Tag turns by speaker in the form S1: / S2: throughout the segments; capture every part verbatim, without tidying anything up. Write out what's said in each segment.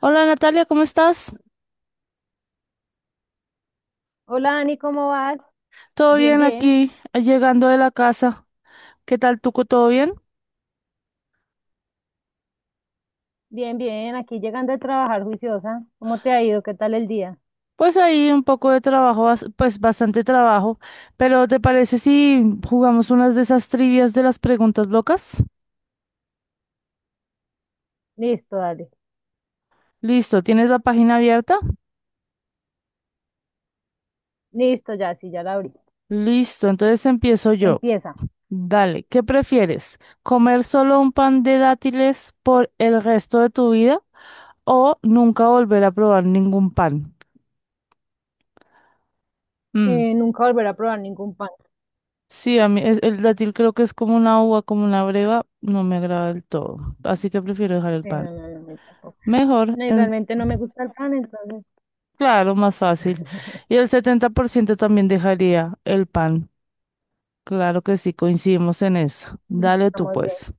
S1: Hola Natalia, ¿cómo estás?
S2: Hola Ani, ¿cómo vas?
S1: ¿Todo
S2: Bien,
S1: bien
S2: bien,
S1: aquí, eh, llegando de la casa? ¿Qué tal tú? ¿Todo bien?
S2: bien, bien. Aquí llegando a trabajar juiciosa. ¿Cómo te ha ido? ¿Qué tal el día?
S1: Pues ahí un poco de trabajo, bas- pues bastante trabajo, pero ¿te parece si jugamos unas de esas trivias de las preguntas locas?
S2: Listo, dale.
S1: Listo, ¿tienes la página abierta?
S2: Listo, ya, sí, ya la abrí.
S1: Listo, entonces empiezo yo.
S2: Empieza.
S1: Dale, ¿qué prefieres? ¿Comer solo un pan de dátiles por el resto de tu vida o nunca volver a probar ningún pan?
S2: Eh, nunca volveré a probar ningún pan.
S1: Sí, a mí es- el dátil creo que es como una uva, como una breva, no me agrada del todo, así que prefiero dejar el
S2: Sí,
S1: pan.
S2: no, no, no, no, tampoco.
S1: Mejor,
S2: No, y
S1: en-
S2: realmente no me gusta el pan, entonces
S1: claro, más fácil. Y el setenta por ciento también dejaría el pan. Claro que sí, coincidimos en eso. Dale tú,
S2: estamos bien.
S1: pues.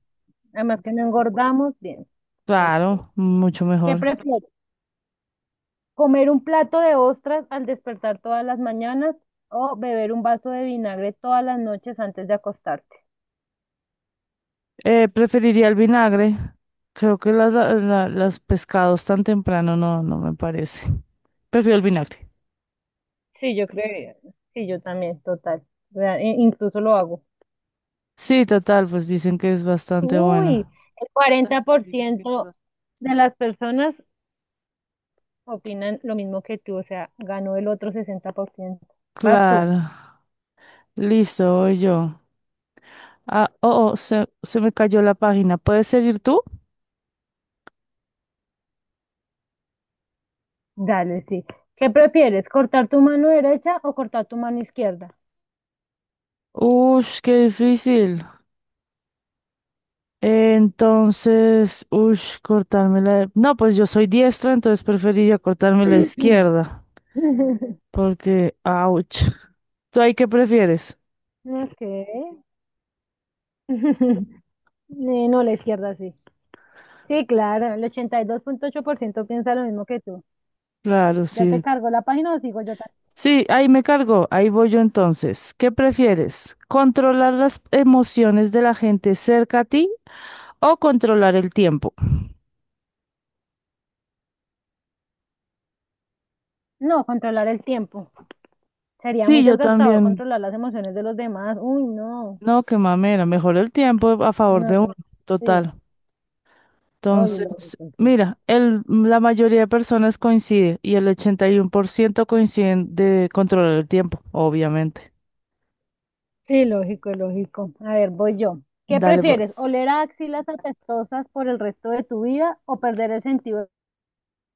S2: Además que no engordamos, bien. Listo.
S1: Claro, mucho
S2: ¿Qué
S1: mejor.
S2: prefieres? ¿Comer un plato de ostras al despertar todas las mañanas o beber un vaso de vinagre todas las noches antes de acostarte?
S1: Eh, preferiría el vinagre. Creo que las la- la- las pescados tan temprano no, no me parece. Prefiero el vinagre.
S2: Sí, yo creo, sí, yo también, total. Real- in- incluso lo hago.
S1: Sí, total, pues dicen que es bastante
S2: Uy,
S1: bueno.
S2: el cuarenta por ciento de las personas opinan lo mismo que tú, o sea, ganó el otro sesenta por ciento. Vas tú,
S1: Claro. Listo, voy yo. Ah, oh, oh, se, se me cayó la página. ¿Puedes seguir tú?
S2: dale, sí. ¿Qué prefieres, cortar tu mano derecha o cortar tu mano izquierda?
S1: Ush, qué difícil. Entonces, ush, cortarme la... No, pues yo soy diestra, entonces preferiría cortarme la izquierda. Porque, ouch. ¿Tú ahí qué prefieres?
S2: Ok. Eh, No, la izquierda sí. Sí, claro, el ochenta y dos punto ocho por ciento piensa lo mismo que tú.
S1: Claro,
S2: ¿Ya te
S1: sí.
S2: cargo la página o sigo yo? ta-
S1: Sí, ahí me cargo. Ahí voy yo entonces. ¿Qué prefieres? ¿Controlar las emociones de la gente cerca a ti o controlar el tiempo?
S2: No, controlar el tiempo. Sería muy
S1: Sí, yo
S2: desgastador
S1: también.
S2: controlar las emociones de los demás. Uy, no.
S1: No, qué mamera, mejor el tiempo a
S2: No,
S1: favor de
S2: no,
S1: uno,
S2: no. Sí,
S1: total.
S2: oye,
S1: Entonces,
S2: lógico, sí.
S1: mira, el, la mayoría de personas coincide y el ochenta y uno por ciento coinciden de controlar el tiempo, obviamente.
S2: Sí, lógico, lógico. A ver, voy yo. ¿Qué
S1: Dale,
S2: prefieres?
S1: pues.
S2: ¿Oler a axilas apestosas por el resto de tu vida o perder el sentido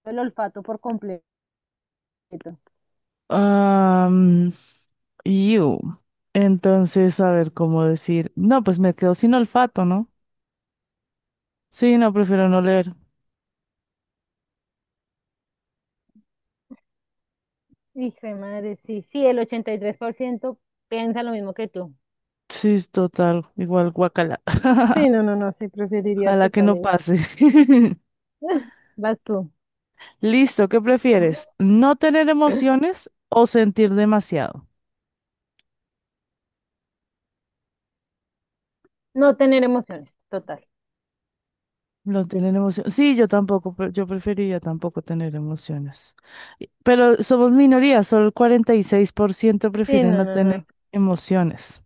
S2: del olfato por completo?
S1: Am, iu. Entonces, a ver cómo decir. No, pues me quedo sin olfato, ¿no? Sí, no, prefiero no leer.
S2: Hijo de madre, sí. Sí, el ochenta y tres por ciento piensa lo mismo que tú.
S1: Sí, es total, igual guacala.
S2: Sí, no, no, no, sí, preferiría
S1: Ojalá que
S2: total
S1: no
S2: eso.
S1: pase.
S2: Vas tú.
S1: Listo, ¿qué prefieres? ¿No tener emociones o sentir demasiado?
S2: No tener emociones, total.
S1: No tener emociones. Sí, yo tampoco, pre- yo preferiría tampoco tener emociones. Y- Pero somos minoría, solo el cuarenta y seis por ciento
S2: Sí,
S1: prefiere
S2: no,
S1: no
S2: no,
S1: tener
S2: no.
S1: emociones.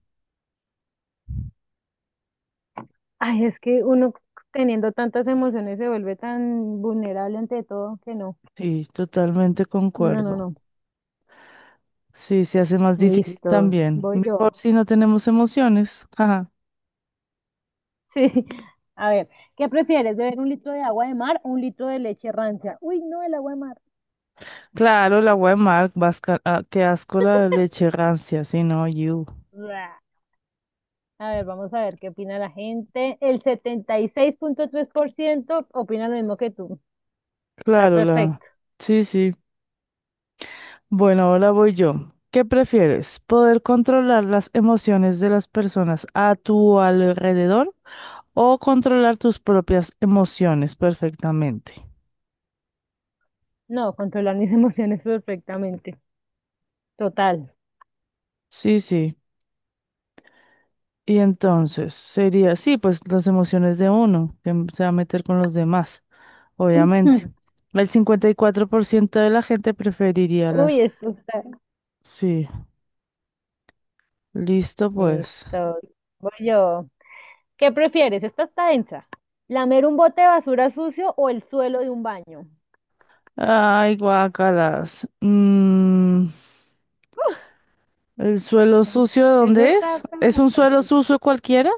S2: Ay, es que uno teniendo tantas emociones se vuelve tan vulnerable ante todo que no.
S1: Sí, totalmente
S2: No, no,
S1: concuerdo.
S2: no.
S1: Sí, se hace más difícil
S2: Listos.
S1: también.
S2: Voy yo.
S1: Mejor si no tenemos emociones. Ajá.
S2: Sí. A ver, ¿qué prefieres? ¿Beber un litro de agua de mar o un litro de leche rancia? Uy, no, el agua de mar.
S1: Claro, la Weimar, vasca- ah, qué asco la leche rancia, sí, no, you.
S2: Blah. A ver, vamos a ver qué opina la gente. El setenta y seis punto tres por ciento opina lo mismo que tú. Está
S1: Claro, la.
S2: perfecto.
S1: Sí, sí. Bueno, ahora voy yo. ¿Qué prefieres? ¿Poder controlar las emociones de las personas a tu alrededor o controlar tus propias emociones perfectamente?
S2: No, controlar mis emociones perfectamente. Total.
S1: Sí, sí. Y entonces sería, sí, pues las emociones de uno, que m- se va a meter con los demás, obviamente. El cincuenta y cuatro por ciento de la gente preferiría
S2: Uy,
S1: las...
S2: esto está.
S1: Sí, listo pues.
S2: Listo. Voy yo. ¿Qué prefieres? Esta está densa. ¿Lamer un bote de basura sucio o el suelo de un baño?
S1: Ay, guácalas. Mm. ¿El suelo sucio
S2: Eso
S1: dónde es?
S2: está,
S1: ¿Es
S2: pero
S1: un suelo
S2: fuerte.
S1: sucio cualquiera?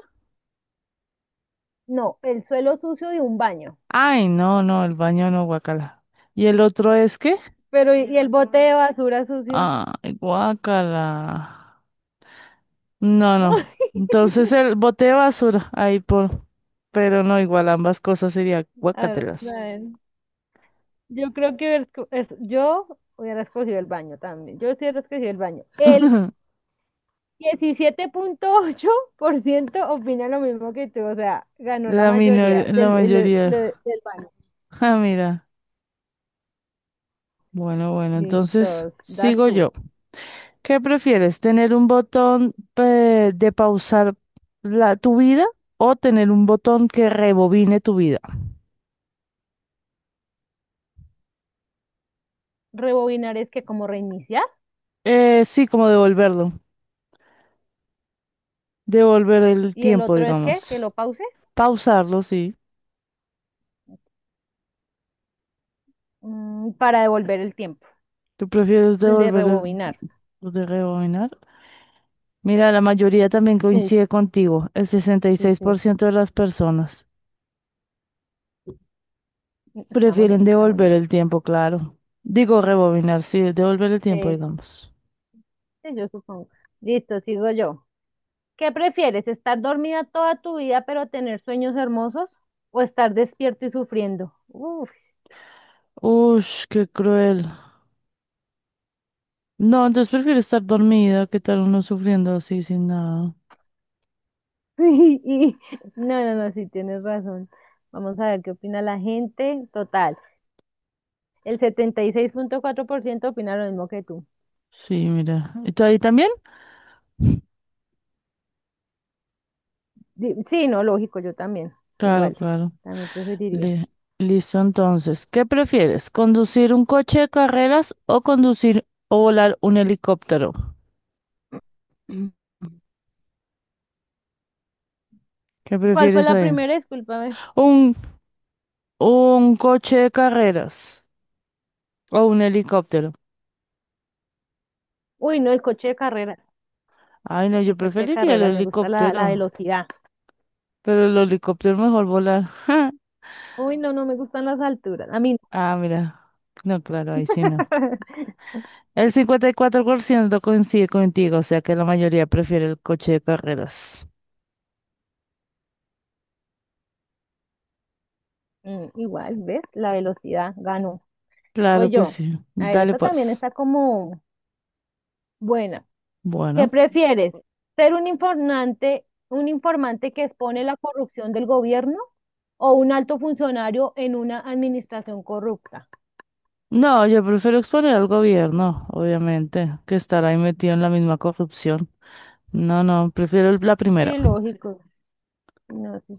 S2: No, el suelo sucio de un baño.
S1: Ay, no, no, el baño no, guacala. ¿Y el otro es qué?
S2: Pero, ¿y y el bote de basura sucio?
S1: Ay, guacala. No, no. Entonces el bote de basura, ahí por. Pero no, igual ambas cosas serían
S2: A ver, vamos
S1: guacatelas.
S2: a ver. Yo creo que hubiera esco- es- yo hubiera escogido el baño también. Yo sí hubiera escogido el baño. El diecisiete punto ocho por ciento opina lo mismo que tú, o sea, ganó la
S1: La
S2: mayoría
S1: minor- la
S2: del, el- el-
S1: mayoría.
S2: del baño.
S1: Ah, mira. Bueno, bueno, entonces
S2: Listos, das
S1: sigo
S2: tú.
S1: yo. ¿Qué prefieres? ¿Tener un botón eh, de pausar la, tu vida o tener un botón que rebobine tu vida?
S2: Rebobinar es que como reiniciar.
S1: Eh, sí, como devolverlo. Devolver el
S2: Y el
S1: tiempo,
S2: otro es que, que,
S1: digamos.
S2: lo pause
S1: Pausarlo, sí.
S2: mm, para devolver el tiempo,
S1: ¿Tú prefieres
S2: el de
S1: devolver el
S2: rebobinar.
S1: lo de rebobinar? Mira, la mayoría también
S2: Sí,
S1: coincide contigo. El sesenta y
S2: sí,
S1: seis por
S2: sí.
S1: ciento de las personas
S2: Estamos bien,
S1: prefieren
S2: estamos
S1: devolver
S2: bien.
S1: el tiempo, claro. Digo rebobinar, sí, devolver el tiempo,
S2: Eh,
S1: digamos.
S2: sí, yo supongo. Listo, sigo yo. ¿Qué prefieres, estar dormida toda tu vida pero tener sueños hermosos o estar despierto y sufriendo? Uf,
S1: Ush, qué cruel. No, entonces prefiero estar dormida que estar uno sufriendo así sin nada.
S2: y- no, no, no, sí, tienes razón. Vamos a ver qué opina la gente. Total, el setenta y seis punto cuatro por ciento opina lo mismo que tú.
S1: Sí, mira. ¿Y tú ahí también?
S2: Di- Sí, no, lógico, yo también,
S1: Claro,
S2: igual,
S1: claro.
S2: también preferiría.
S1: Le- Listo, entonces. ¿Qué prefieres? ¿Conducir un coche de carreras o conducir o volar un helicóptero? ¿Qué
S2: ¿Cuál fue
S1: prefieres
S2: la
S1: ahí?
S2: primera? Discúlpame.
S1: Un, un coche de carreras o un helicóptero.
S2: Uy, no, el coche de carreras.
S1: Ay, no, yo
S2: El coche de
S1: preferiría el
S2: carreras, me gusta la, la
S1: helicóptero.
S2: velocidad.
S1: Pero el helicóptero mejor volar.
S2: Uy, no, no me gustan las alturas. A mí no.
S1: Ah, mira. No, claro, ahí sí no. El cincuenta y cuatro por ciento coincide contigo, o sea que la mayoría prefiere el coche de carreras.
S2: Mm, igual, ¿ves? La velocidad ganó.
S1: Claro
S2: Voy
S1: que
S2: yo.
S1: sí.
S2: A ver,
S1: Dale
S2: esta también
S1: pues.
S2: está como buena. ¿Qué
S1: Bueno.
S2: prefieres? ¿Ser un informante, un informante que expone la corrupción del gobierno o un alto funcionario en una administración corrupta?
S1: No, yo prefiero exponer al gobierno, obviamente, que estar ahí metido en la misma corrupción. No, no, prefiero el- la primera.
S2: Sí, lógico. No, sí,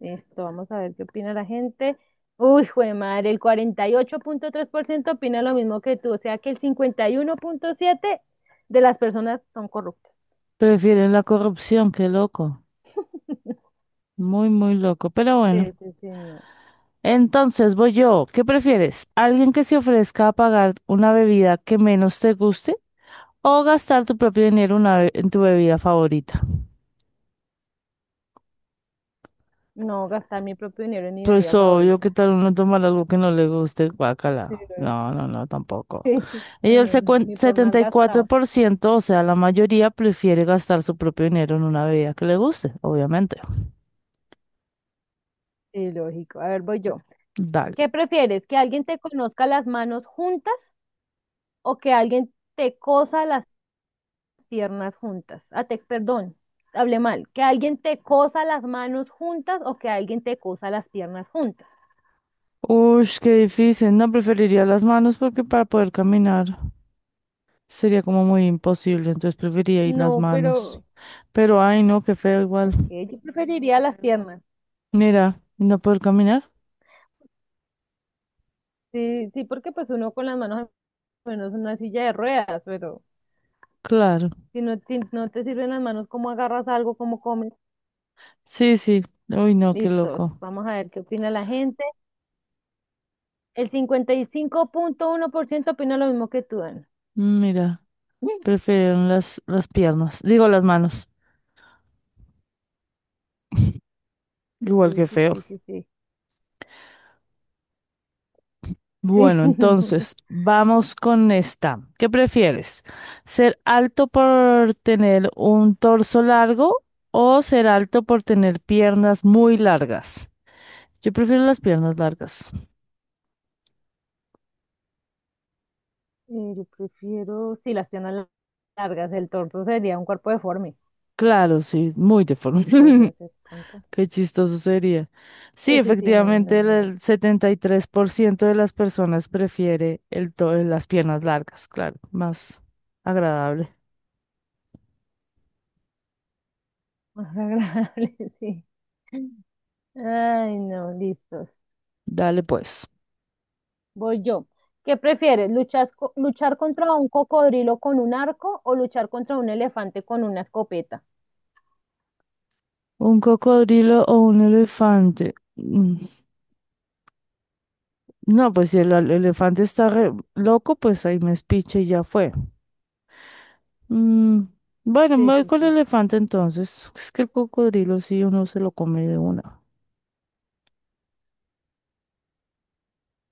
S2: esto, vamos a ver qué opina la gente. Uy, jue madre, el cuarenta y ocho punto tres por ciento opina lo mismo que tú, o sea que el cincuenta y uno punto siete de las personas son corruptas.
S1: Prefieren la corrupción, qué loco. Muy, muy loco, pero
S2: Sí,
S1: bueno.
S2: sí, sí, no.
S1: Entonces voy yo. ¿Qué prefieres? ¿Alguien que se ofrezca a pagar una bebida que menos te guste o gastar tu propio dinero una be- en tu bebida favorita?
S2: No gastar mi propio dinero en mi
S1: Pues
S2: bebida
S1: obvio, ¿qué
S2: favorita.
S1: tal uno tomar algo que no le guste?
S2: Sí,
S1: Guácala.
S2: lógico.
S1: No, no, no, tampoco. Y
S2: No,
S1: el
S2: no, no,
S1: secuen-
S2: ni por más gastado.
S1: setenta y cuatro por ciento, o sea, la mayoría prefiere gastar su propio dinero en una bebida que le guste, obviamente.
S2: Sí, lógico. A ver, voy yo.
S1: Dale.
S2: ¿Qué prefieres? ¿Que alguien te conozca las manos juntas o que alguien te cosa las piernas juntas? Ah, te, perdón, hablé mal. Que alguien te cosa las manos juntas o que alguien te cosa las piernas juntas.
S1: Uy, qué difícil. No preferiría las manos porque para poder caminar sería como muy imposible, entonces preferiría ir las
S2: No,
S1: manos.
S2: pero
S1: Pero ay, no, qué feo igual.
S2: okay, yo preferiría las piernas.
S1: Mira, ¿y no poder caminar.
S2: Sí, sí, porque pues uno con las manos, bueno, es una silla de ruedas, pero
S1: Claro.
S2: si no, si no te sirven las manos, ¿cómo agarras algo? ¿Cómo comes?
S1: Sí, sí. Uy, no, qué
S2: Listos,
S1: loco.
S2: vamos a ver qué opina la gente. El cincuenta y cinco punto uno por ciento opina lo mismo que tú, Ana.
S1: Mira. Prefirieron las, las piernas, digo las manos, igual
S2: Sí,
S1: que
S2: sí,
S1: feo.
S2: sí, sí, sí. Sí,
S1: Bueno,
S2: no.
S1: entonces, vamos con esta. ¿Qué prefieres? ¿Ser alto por tener un torso largo o ser alto por tener piernas muy largas? Yo prefiero las piernas largas.
S2: Eh, yo prefiero, sí, las piernas largas, el torso sería un cuerpo deforme,
S1: Claro, sí, muy deforme.
S2: podría ser pronto.
S1: Qué chistoso sería. Sí,
S2: Sí, sí, sí, no, no, no,
S1: efectivamente, el
S2: no, no.
S1: el setenta y tres por ciento de las personas prefiere el to- las piernas largas, claro, más agradable.
S2: Más agradable, sí. Ay, no, listos.
S1: Dale pues.
S2: Voy yo. ¿Qué prefieres? ¿Luchar, co- luchar contra un cocodrilo con un arco o luchar contra un elefante con una escopeta?
S1: ¿Un cocodrilo o un elefante? Mm, no, pues si el al- elefante está re loco, pues ahí me espiche y ya fue. Mm, bueno,
S2: Sí,
S1: me voy
S2: sí,
S1: con el
S2: sí.
S1: elefante entonces. Es que el cocodrilo sí uno se lo come de una.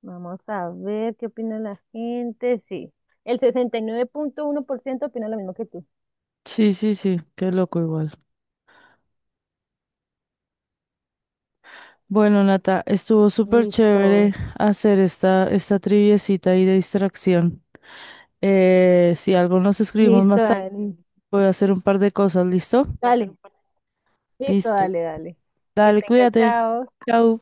S2: Vamos a ver qué opina la gente. Sí. El sesenta y nueve punto uno por ciento opina lo mismo que tú.
S1: Sí, sí, sí, qué loco igual. Bueno, Nata, estuvo súper
S2: Listo.
S1: chévere hacer esta, esta triviecita ahí de distracción. Eh, si algo nos escribimos
S2: Listo,
S1: más tarde,
S2: Dani.
S1: voy a hacer un par de cosas, ¿listo?
S2: Dale. Listo,
S1: Listo.
S2: dale, dale. Que
S1: Dale,
S2: tengas,
S1: cuídate.
S2: chao.
S1: Chao.